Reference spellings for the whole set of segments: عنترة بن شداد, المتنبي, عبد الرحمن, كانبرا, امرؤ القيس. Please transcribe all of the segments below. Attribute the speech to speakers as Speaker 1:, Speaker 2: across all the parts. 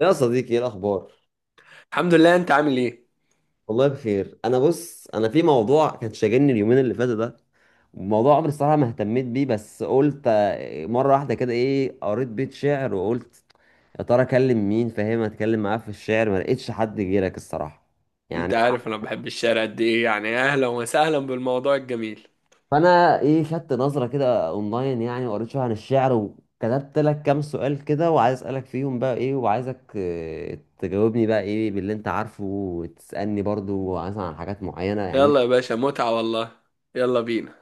Speaker 1: يا صديقي، ايه الاخبار؟
Speaker 2: الحمد لله، انت عامل ايه؟
Speaker 1: والله بخير. انا بص، انا في موضوع كان شاغلني اليومين اللي فاتوا ده، موضوع عمري الصراحه ما اهتميت بيه. بس قلت مره واحده كده، ايه، قريت بيت شعر وقلت يا ترى اكلم مين فاهم اتكلم معاه في الشعر، ما لقيتش حد غيرك الصراحه يعني.
Speaker 2: انت عارف انا بحب الشارع قد ايه، يعني اهلا وسهلا بالموضوع الجميل.
Speaker 1: فانا ايه خدت نظره كده اونلاين يعني، وقريت شويه عن الشعر، وكتبت لك كام سؤال كده، وعايز اسالك فيهم بقى ايه، وعايزك تجاوبني بقى ايه باللي انت عارفه، وتسالني برضو مثلا عن حاجات معينه يعني.
Speaker 2: يلا يا باشا، متعة والله. يلا بينا.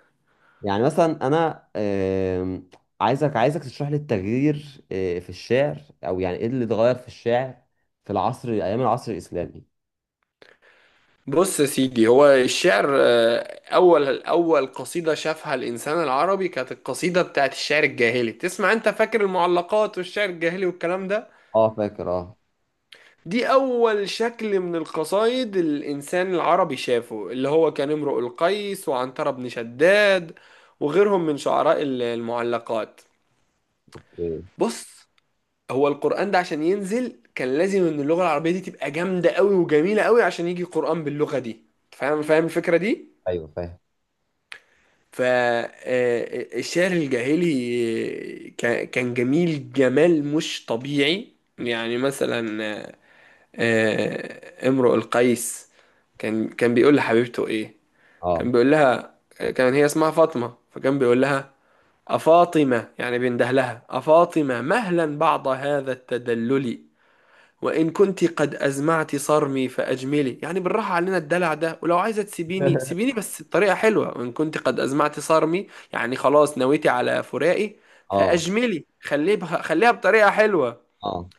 Speaker 1: يعني مثلا انا، عايزك تشرح لي التغيير في الشعر، او يعني ايه اللي اتغير في الشعر في العصر، ايام العصر الاسلامي.
Speaker 2: بص يا سيدي، هو الشعر اول اول قصيدة شافها الانسان العربي كانت القصيدة بتاعت الشعر الجاهلي. تسمع؟ انت فاكر المعلقات والشعر الجاهلي والكلام ده؟
Speaker 1: اه، فاكر، اه.
Speaker 2: دي اول شكل من القصايد الانسان العربي شافه، اللي هو كان امرؤ القيس وعنترة بن شداد وغيرهم من شعراء المعلقات.
Speaker 1: إيه.
Speaker 2: بص، هو القرآن ده عشان ينزل كان لازم ان اللغة العربية دي تبقى جامدة قوي وجميلة قوي عشان يجي قرآن باللغة دي. فاهم فاهم الفكرة دي؟
Speaker 1: ايوه، فاهم.
Speaker 2: فالشعر الجاهلي كان جميل جمال مش طبيعي. يعني مثلا امرؤ القيس كان بيقول لحبيبته ايه.
Speaker 1: اه،
Speaker 2: كان بيقول لها، كان هي اسمها فاطمة، فكان بيقول لها أفاطمة، يعني بينده لها، أفاطمة مهلا بعد هذا التدلل وإن كنت قد أزمعت صرمي فأجملي. يعني بالراحة علينا الدلع ده، ولو عايزة تسيبيني سيبيني بس بطريقة حلوة. وإن كنت قد أزمعت صرمي، يعني خلاص نويتي على فراقي،
Speaker 1: اه،
Speaker 2: فأجملي خليه بها خليها بطريقة حلوة.
Speaker 1: اه،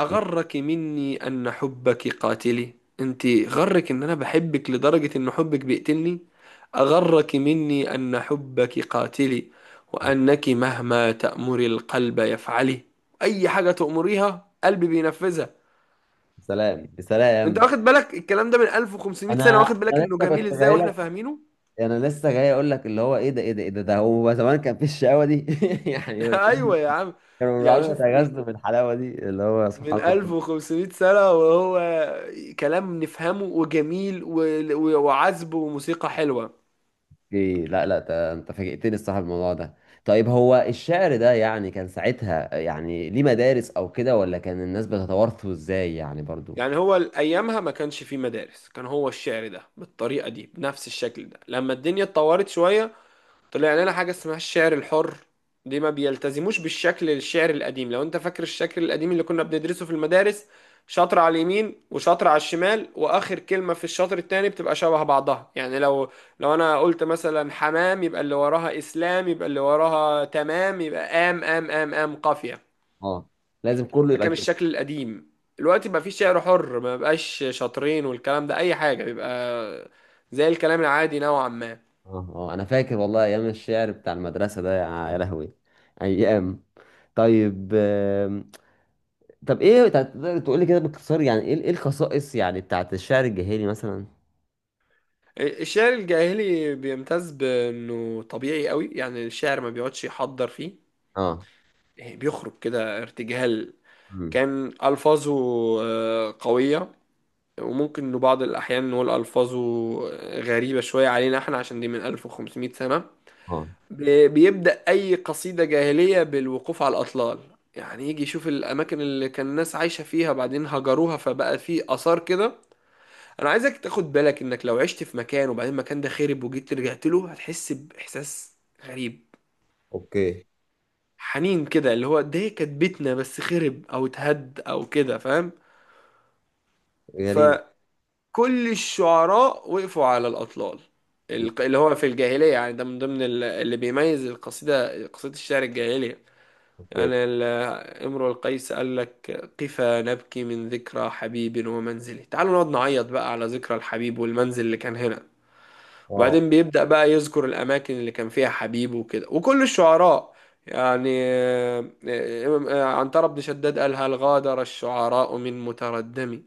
Speaker 2: أغرك مني أن حبك قاتلي، أنت غرك إن أنا بحبك لدرجة إن حبك بيقتلني. أغرك مني أن حبك قاتلي وأنك مهما تأمري القلب يفعلي، أي حاجة تأمريها قلبي بينفذها.
Speaker 1: سلام
Speaker 2: انت
Speaker 1: بسلام.
Speaker 2: واخد بالك الكلام ده من 1500 سنة؟
Speaker 1: انا
Speaker 2: واخد بالك
Speaker 1: انا
Speaker 2: انه
Speaker 1: لسه
Speaker 2: جميل
Speaker 1: كنت
Speaker 2: ازاي
Speaker 1: جاي
Speaker 2: واحنا
Speaker 1: لك.
Speaker 2: فاهمينه؟
Speaker 1: انا لسه جاي اقول لك، اللي هو ايه ده، ايه ده، ايه ده هو زمان كان في الشقاوه دي؟ يعني هو زمان
Speaker 2: ايوه يا عم.
Speaker 1: كانوا
Speaker 2: يعني
Speaker 1: بيقعدوا
Speaker 2: شوف، من
Speaker 1: يتغازلوا بالحلاوه دي اللي هو سبحان
Speaker 2: من
Speaker 1: الله.
Speaker 2: 1500 سنة وهو كلام نفهمه وجميل وعذب وموسيقى حلوة.
Speaker 1: اوكي، لا، لا، انت فاجئتني الصراحه بالموضوع ده. طيب، هو الشعر ده يعني كان ساعتها يعني ليه مدارس او كده، ولا كان الناس بتتوارثه ازاي يعني برضو؟
Speaker 2: يعني هو ايامها ما كانش فيه مدارس، كان هو الشعر ده بالطريقة دي بنفس الشكل ده. لما الدنيا اتطورت شوية طلع لنا حاجة اسمها الشعر الحر، دي ما بيلتزموش بالشكل الشعر القديم. لو انت فاكر الشكل القديم اللي كنا بندرسه في المدارس، شطر على اليمين وشطر على الشمال، واخر كلمة في الشطر التاني بتبقى شبه بعضها. يعني لو انا قلت مثلا حمام يبقى اللي وراها اسلام، يبقى اللي وراها تمام، يبقى ام ام ام ام قافية.
Speaker 1: اه، لازم كله
Speaker 2: ده
Speaker 1: يبقى
Speaker 2: كان
Speaker 1: كده.
Speaker 2: الشكل القديم. دلوقتي بقى في شعر حر ما بقاش شطرين والكلام ده، اي حاجة بيبقى زي الكلام العادي نوعا ما.
Speaker 1: اه، اه، انا فاكر والله ايام الشعر بتاع المدرسه ده، يا يا لهوي، ايام. طيب طب ايه، تقدر تقول لي كده باختصار يعني ايه، الخصائص يعني بتاعت الشعر الجاهلي مثلا؟
Speaker 2: الشعر الجاهلي بيمتاز بانه طبيعي قوي، يعني الشاعر ما بيقعدش يحضر فيه،
Speaker 1: اه.
Speaker 2: يعني بيخرج كده ارتجال.
Speaker 1: امم.
Speaker 2: كان الفاظه قويه، وممكن انه بعض الاحيان نقول الفاظه غريبه شويه علينا احنا عشان دي من 1500 سنه.
Speaker 1: اه.
Speaker 2: بيبدا اي قصيده جاهليه بالوقوف على الاطلال، يعني يجي يشوف الاماكن اللي كان الناس عايشه فيها بعدين هجروها فبقى في اثار كده. انا عايزك تاخد بالك انك لو عشت في مكان وبعدين المكان ده خرب وجيت رجعت له هتحس باحساس غريب،
Speaker 1: اوكي.
Speaker 2: حنين كده، اللي هو ده كانت بيتنا بس خرب او اتهد او كده. فاهم؟
Speaker 1: غريب.
Speaker 2: فكل الشعراء وقفوا على الاطلال،
Speaker 1: مم.
Speaker 2: اللي هو في الجاهليه، يعني ده من ضمن اللي بيميز القصيده، قصيده الشعر الجاهليه.
Speaker 1: اوكي.
Speaker 2: يعني امرؤ القيس قال لك قفا نبكي من ذكرى حبيب ومنزله، تعالوا نقعد نعيط بقى على ذكرى الحبيب والمنزل اللي كان هنا.
Speaker 1: اه.
Speaker 2: وبعدين بيبدأ بقى يذكر الأماكن اللي كان فيها حبيبه وكده. وكل الشعراء، يعني عنترة بن شداد قال هل غادر الشعراء من متردمي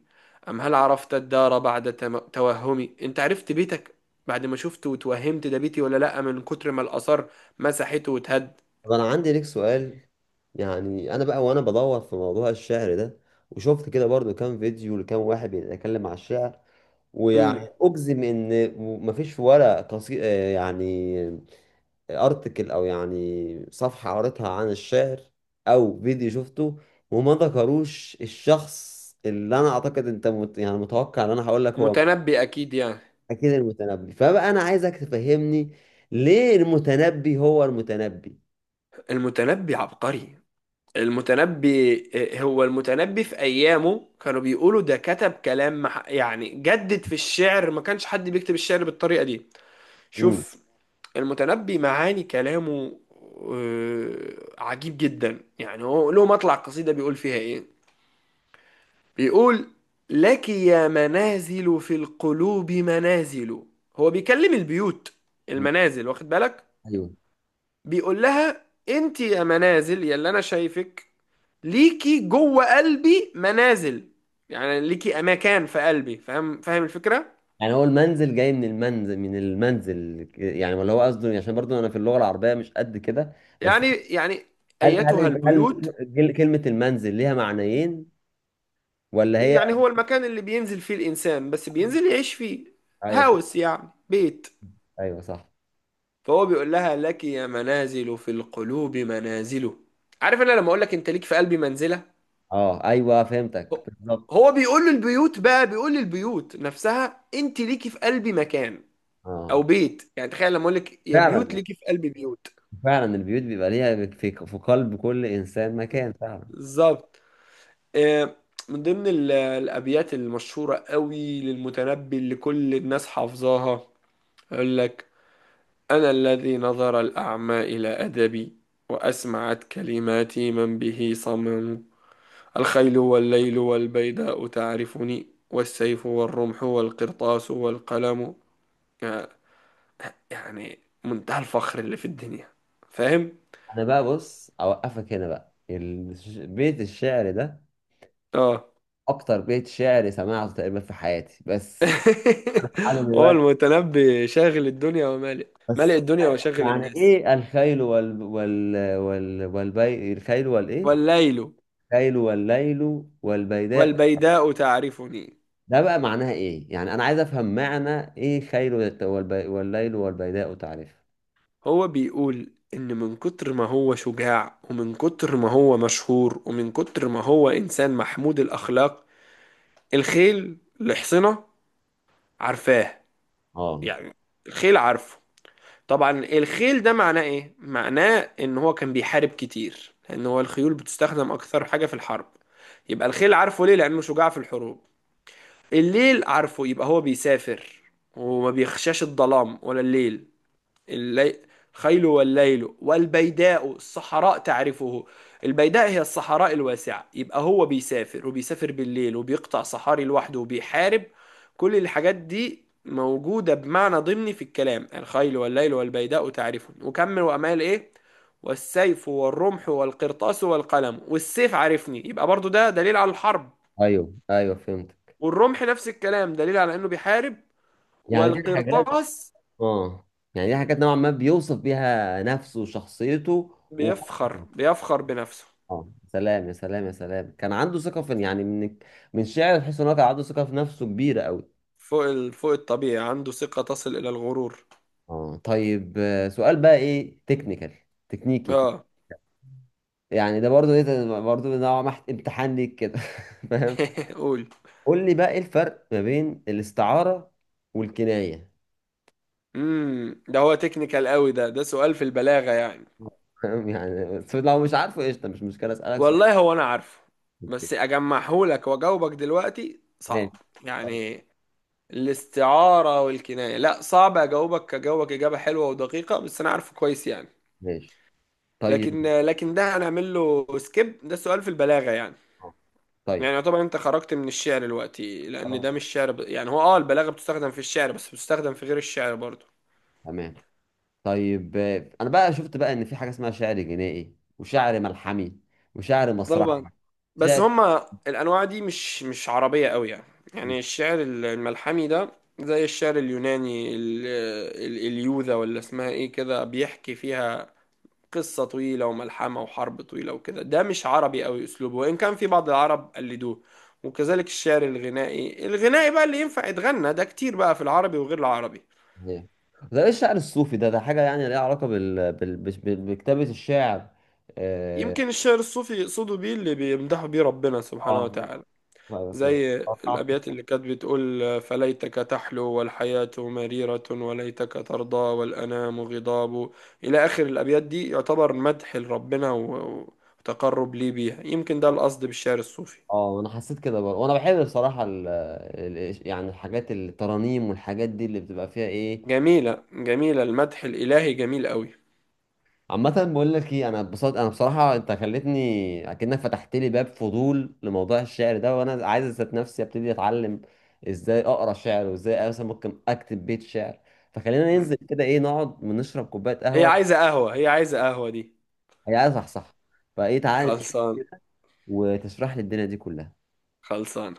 Speaker 2: أم هل عرفت الدار بعد توهمي. أنت عرفت بيتك بعد ما شفته وتوهمت ده بيتي ولا لأ من كتر ما الآثار مسحته وتهد.
Speaker 1: طب انا عندي ليك سؤال. يعني انا بقى وانا بدور في موضوع الشعر ده، وشفت كده برضو كام فيديو لكام واحد بيتكلم على الشعر،
Speaker 2: مم.
Speaker 1: ويعني اجزم ان مفيش ولا قصي... آه يعني ارتكل، او يعني صفحة قريتها عن الشعر، او فيديو شفته، وما ذكروش الشخص اللي انا اعتقد انت يعني متوقع ان انا هقول لك هو
Speaker 2: متنبي أكيد يعني.
Speaker 1: اكيد المتنبي. فبقى انا عايزك تفهمني ليه المتنبي هو المتنبي.
Speaker 2: المتنبي عبقري. المتنبي هو المتنبي، في أيامه كانوا بيقولوا ده كتب كلام يعني جدد في الشعر. ما كانش حد بيكتب الشعر بالطريقة دي.
Speaker 1: امم.
Speaker 2: شوف، المتنبي معاني كلامه عجيب جدا. يعني هو له مطلع قصيدة بيقول فيها إيه؟ بيقول لك يا منازل في القلوب منازل، هو بيكلم البيوت المنازل، واخد بالك؟
Speaker 1: ايوه.
Speaker 2: بيقول لها انت يا منازل يا اللي انا شايفك، ليكي جوه قلبي منازل، يعني ليكي اماكن في قلبي. فاهم فاهم الفكره؟
Speaker 1: يعني هو المنزل جاي من المنزل يعني، ولا هو قصده؟ عشان برضو انا في اللغه العربيه مش قد كده بس.
Speaker 2: يعني ايتها
Speaker 1: هل،
Speaker 2: البيوت.
Speaker 1: كلمه المنزل ليها معنيين ولا هي؟
Speaker 2: يعني هو المكان اللي بينزل فيه الانسان، بس بينزل يعيش فيه.
Speaker 1: ايوه،
Speaker 2: هاوس يعني بيت.
Speaker 1: ايوه، صح.
Speaker 2: فهو بيقول لها لك يا منازل في القلوب منازله. عارف انا لما اقول لك انت ليك في قلبي منزله؟
Speaker 1: اه، ايوه، فهمتك
Speaker 2: هو
Speaker 1: بالظبط.
Speaker 2: هو بيقول للبيوت بقى، بيقول للبيوت نفسها انت ليكي في قلبي مكان
Speaker 1: اه،
Speaker 2: او بيت. يعني تخيل لما اقول لك يا بيوت
Speaker 1: فعلا،
Speaker 2: ليكي في قلبي بيوت.
Speaker 1: فعلا، البيوت بيبقى ليها في قلب كل انسان مكان، فعلا.
Speaker 2: بالظبط. آه، من ضمن الأبيات المشهورة قوي للمتنبي اللي كل الناس حافظاها، يقول لك أنا الذي نظر الأعمى إلى أدبي وأسمعت كلماتي من به صمم، الخيل والليل والبيداء تعرفني والسيف والرمح والقرطاس والقلم. آه، يعني منتهى الفخر اللي في الدنيا. فاهم؟
Speaker 1: انا بقى بص، اوقفك هنا بقى. بيت الشعر ده
Speaker 2: اه.
Speaker 1: اكتر بيت شعر سمعته تقريبا في حياتي، بس على
Speaker 2: هو
Speaker 1: دلوقتي،
Speaker 2: المتنبي شاغل الدنيا ومالئ، مالئ
Speaker 1: بس.
Speaker 2: الدنيا وشاغل
Speaker 1: يعني
Speaker 2: الناس.
Speaker 1: ايه الخيل وال وال وال والبي الخيل والايه؟
Speaker 2: والليل
Speaker 1: خيل والليل والبيداء،
Speaker 2: والبيداء تعرفني.
Speaker 1: ده بقى معناها ايه؟ يعني انا عايز افهم معنى ايه، خيل والليل والبيداء تعرفها.
Speaker 2: هو بيقول إن من كتر ما هو شجاع ومن كتر ما هو مشهور ومن كتر ما هو إنسان محمود الأخلاق، الخيل اللي حصنه عارفاه.
Speaker 1: اه،
Speaker 2: يعني الخيل عارفه. طبعا الخيل ده معناه إيه؟ معناه إن هو كان بيحارب كتير لأن هو الخيول بتستخدم أكثر حاجة في الحرب. يبقى الخيل عارفه ليه؟ لأنه شجاع في الحروب. الليل عارفه يبقى هو بيسافر وما بيخشاش الظلام ولا الليل. اللي... خيل والليل والبيداء الصحراء تعرفه. البيداء هي الصحراء الواسعة، يبقى هو بيسافر وبيسافر بالليل وبيقطع صحاري لوحده وبيحارب. كل الحاجات دي موجودة بمعنى ضمني في الكلام، الخيل والليل والبيداء تعرفه، وكمل، وأمال إيه؟ والسيف والرمح والقرطاس والقلم، والسيف عارفني، يبقى برضو ده دليل على الحرب.
Speaker 1: ايوه، ايوه، فهمت.
Speaker 2: والرمح نفس الكلام دليل على إنه بيحارب.
Speaker 1: يعني دي الحاجات.
Speaker 2: والقرطاس.
Speaker 1: اه. يعني دي حاجات نوعا ما بيوصف بيها نفسه وشخصيته
Speaker 2: بيفخر بيفخر بنفسه
Speaker 1: اه، سلام، يا سلام، يا سلام، كان عنده ثقة في، يعني من شعر تحس ان هو كان عنده ثقة في نفسه كبيرة قوي.
Speaker 2: فوق فوق الطبيعي، عنده ثقة تصل إلى الغرور.
Speaker 1: اه، طيب، سؤال بقى ايه، تكنيكال، تكنيكي
Speaker 2: اه.
Speaker 1: يعني ده برضو ايه، ده برضو نوع ما امتحان ليك كده. فاهم؟
Speaker 2: قول.
Speaker 1: قول لي بقى ايه الفرق ما بين الاستعارة والكناية.
Speaker 2: ده هو تكنيكال قوي، ده سؤال في البلاغة يعني.
Speaker 1: فاهم يعني؟ بس لو مش عارفه قشطة، مش مشكلة، اسألك سؤال.
Speaker 2: والله هو انا عارفه
Speaker 1: اوكي.
Speaker 2: بس اجمعهولك واجاوبك دلوقتي صعب.
Speaker 1: ماشي. خلاص.
Speaker 2: يعني الاستعارة والكناية، لا صعب اجاوبك اجابة حلوة ودقيقة، بس انا عارفه كويس يعني.
Speaker 1: ماشي. طيب.
Speaker 2: لكن ده هنعمل له سكيب، ده سؤال في البلاغة يعني.
Speaker 1: اه.
Speaker 2: يعني
Speaker 1: طيب.
Speaker 2: يعتبر انت خرجت من الشعر دلوقتي لان
Speaker 1: خلاص،
Speaker 2: ده مش شعر يعني، هو اه البلاغة بتستخدم في الشعر بس بتستخدم في غير الشعر برضه.
Speaker 1: تمام. طيب انا بقى شفت بقى ان في حاجة اسمها شعر جنائي، وشعر ملحمي، وشعر
Speaker 2: طبعا.
Speaker 1: مسرحي.
Speaker 2: بس
Speaker 1: شعر
Speaker 2: هما الانواع دي مش عربيه قوي يعني. يعني الشعر الملحمي ده زي الشعر اليوناني اليوذا ولا اسمها ايه كده، بيحكي فيها قصه طويله وملحمه وحرب طويله وكده. ده مش عربي قوي اسلوبه، وان كان في بعض العرب قلدوه. وكذلك الشعر الغنائي، الغنائي بقى اللي ينفع يتغنى، ده كتير بقى في العربي وغير العربي.
Speaker 1: إيه. ده ايه الشعر الصوفي ده حاجة يعني ليها علاقة بكتابة الشعر؟ اه.
Speaker 2: يمكن الشعر الصوفي يقصدوا بيه اللي بيمدحوا بيه ربنا سبحانه
Speaker 1: اه.
Speaker 2: وتعالى، زي
Speaker 1: اه.
Speaker 2: الأبيات اللي كانت بتقول فليتك تحلو والحياة مريرة وليتك ترضى والأنام غضاب، إلى آخر الأبيات. دي يعتبر مدح لربنا وتقرب ليه بيها. يمكن ده القصد بالشعر الصوفي.
Speaker 1: انا حسيت كده برضه، وانا بحب بصراحة يعني الحاجات، الترانيم والحاجات دي اللي بتبقى فيها ايه.
Speaker 2: جميلة جميلة، المدح الإلهي جميل قوي.
Speaker 1: عامة، بقول لك ايه، انا اتبسطت، انا بصراحة انت خلتني اكنك فتحت لي باب فضول لموضوع الشعر ده، وانا عايز اذات نفسي ابتدي اتعلم ازاي اقرا شعر، وازاي مثلا ممكن اكتب بيت شعر. فخلينا ننزل كده، ايه، نقعد ونشرب كوباية
Speaker 2: هي
Speaker 1: قهوة.
Speaker 2: عايزة قهوة، هي عايزة قهوة دي.
Speaker 1: هي عايزة، صح، صح. فايه، تعالى
Speaker 2: خلصان.
Speaker 1: وتشرح لي الدنيا دي كلها.
Speaker 2: خلصان.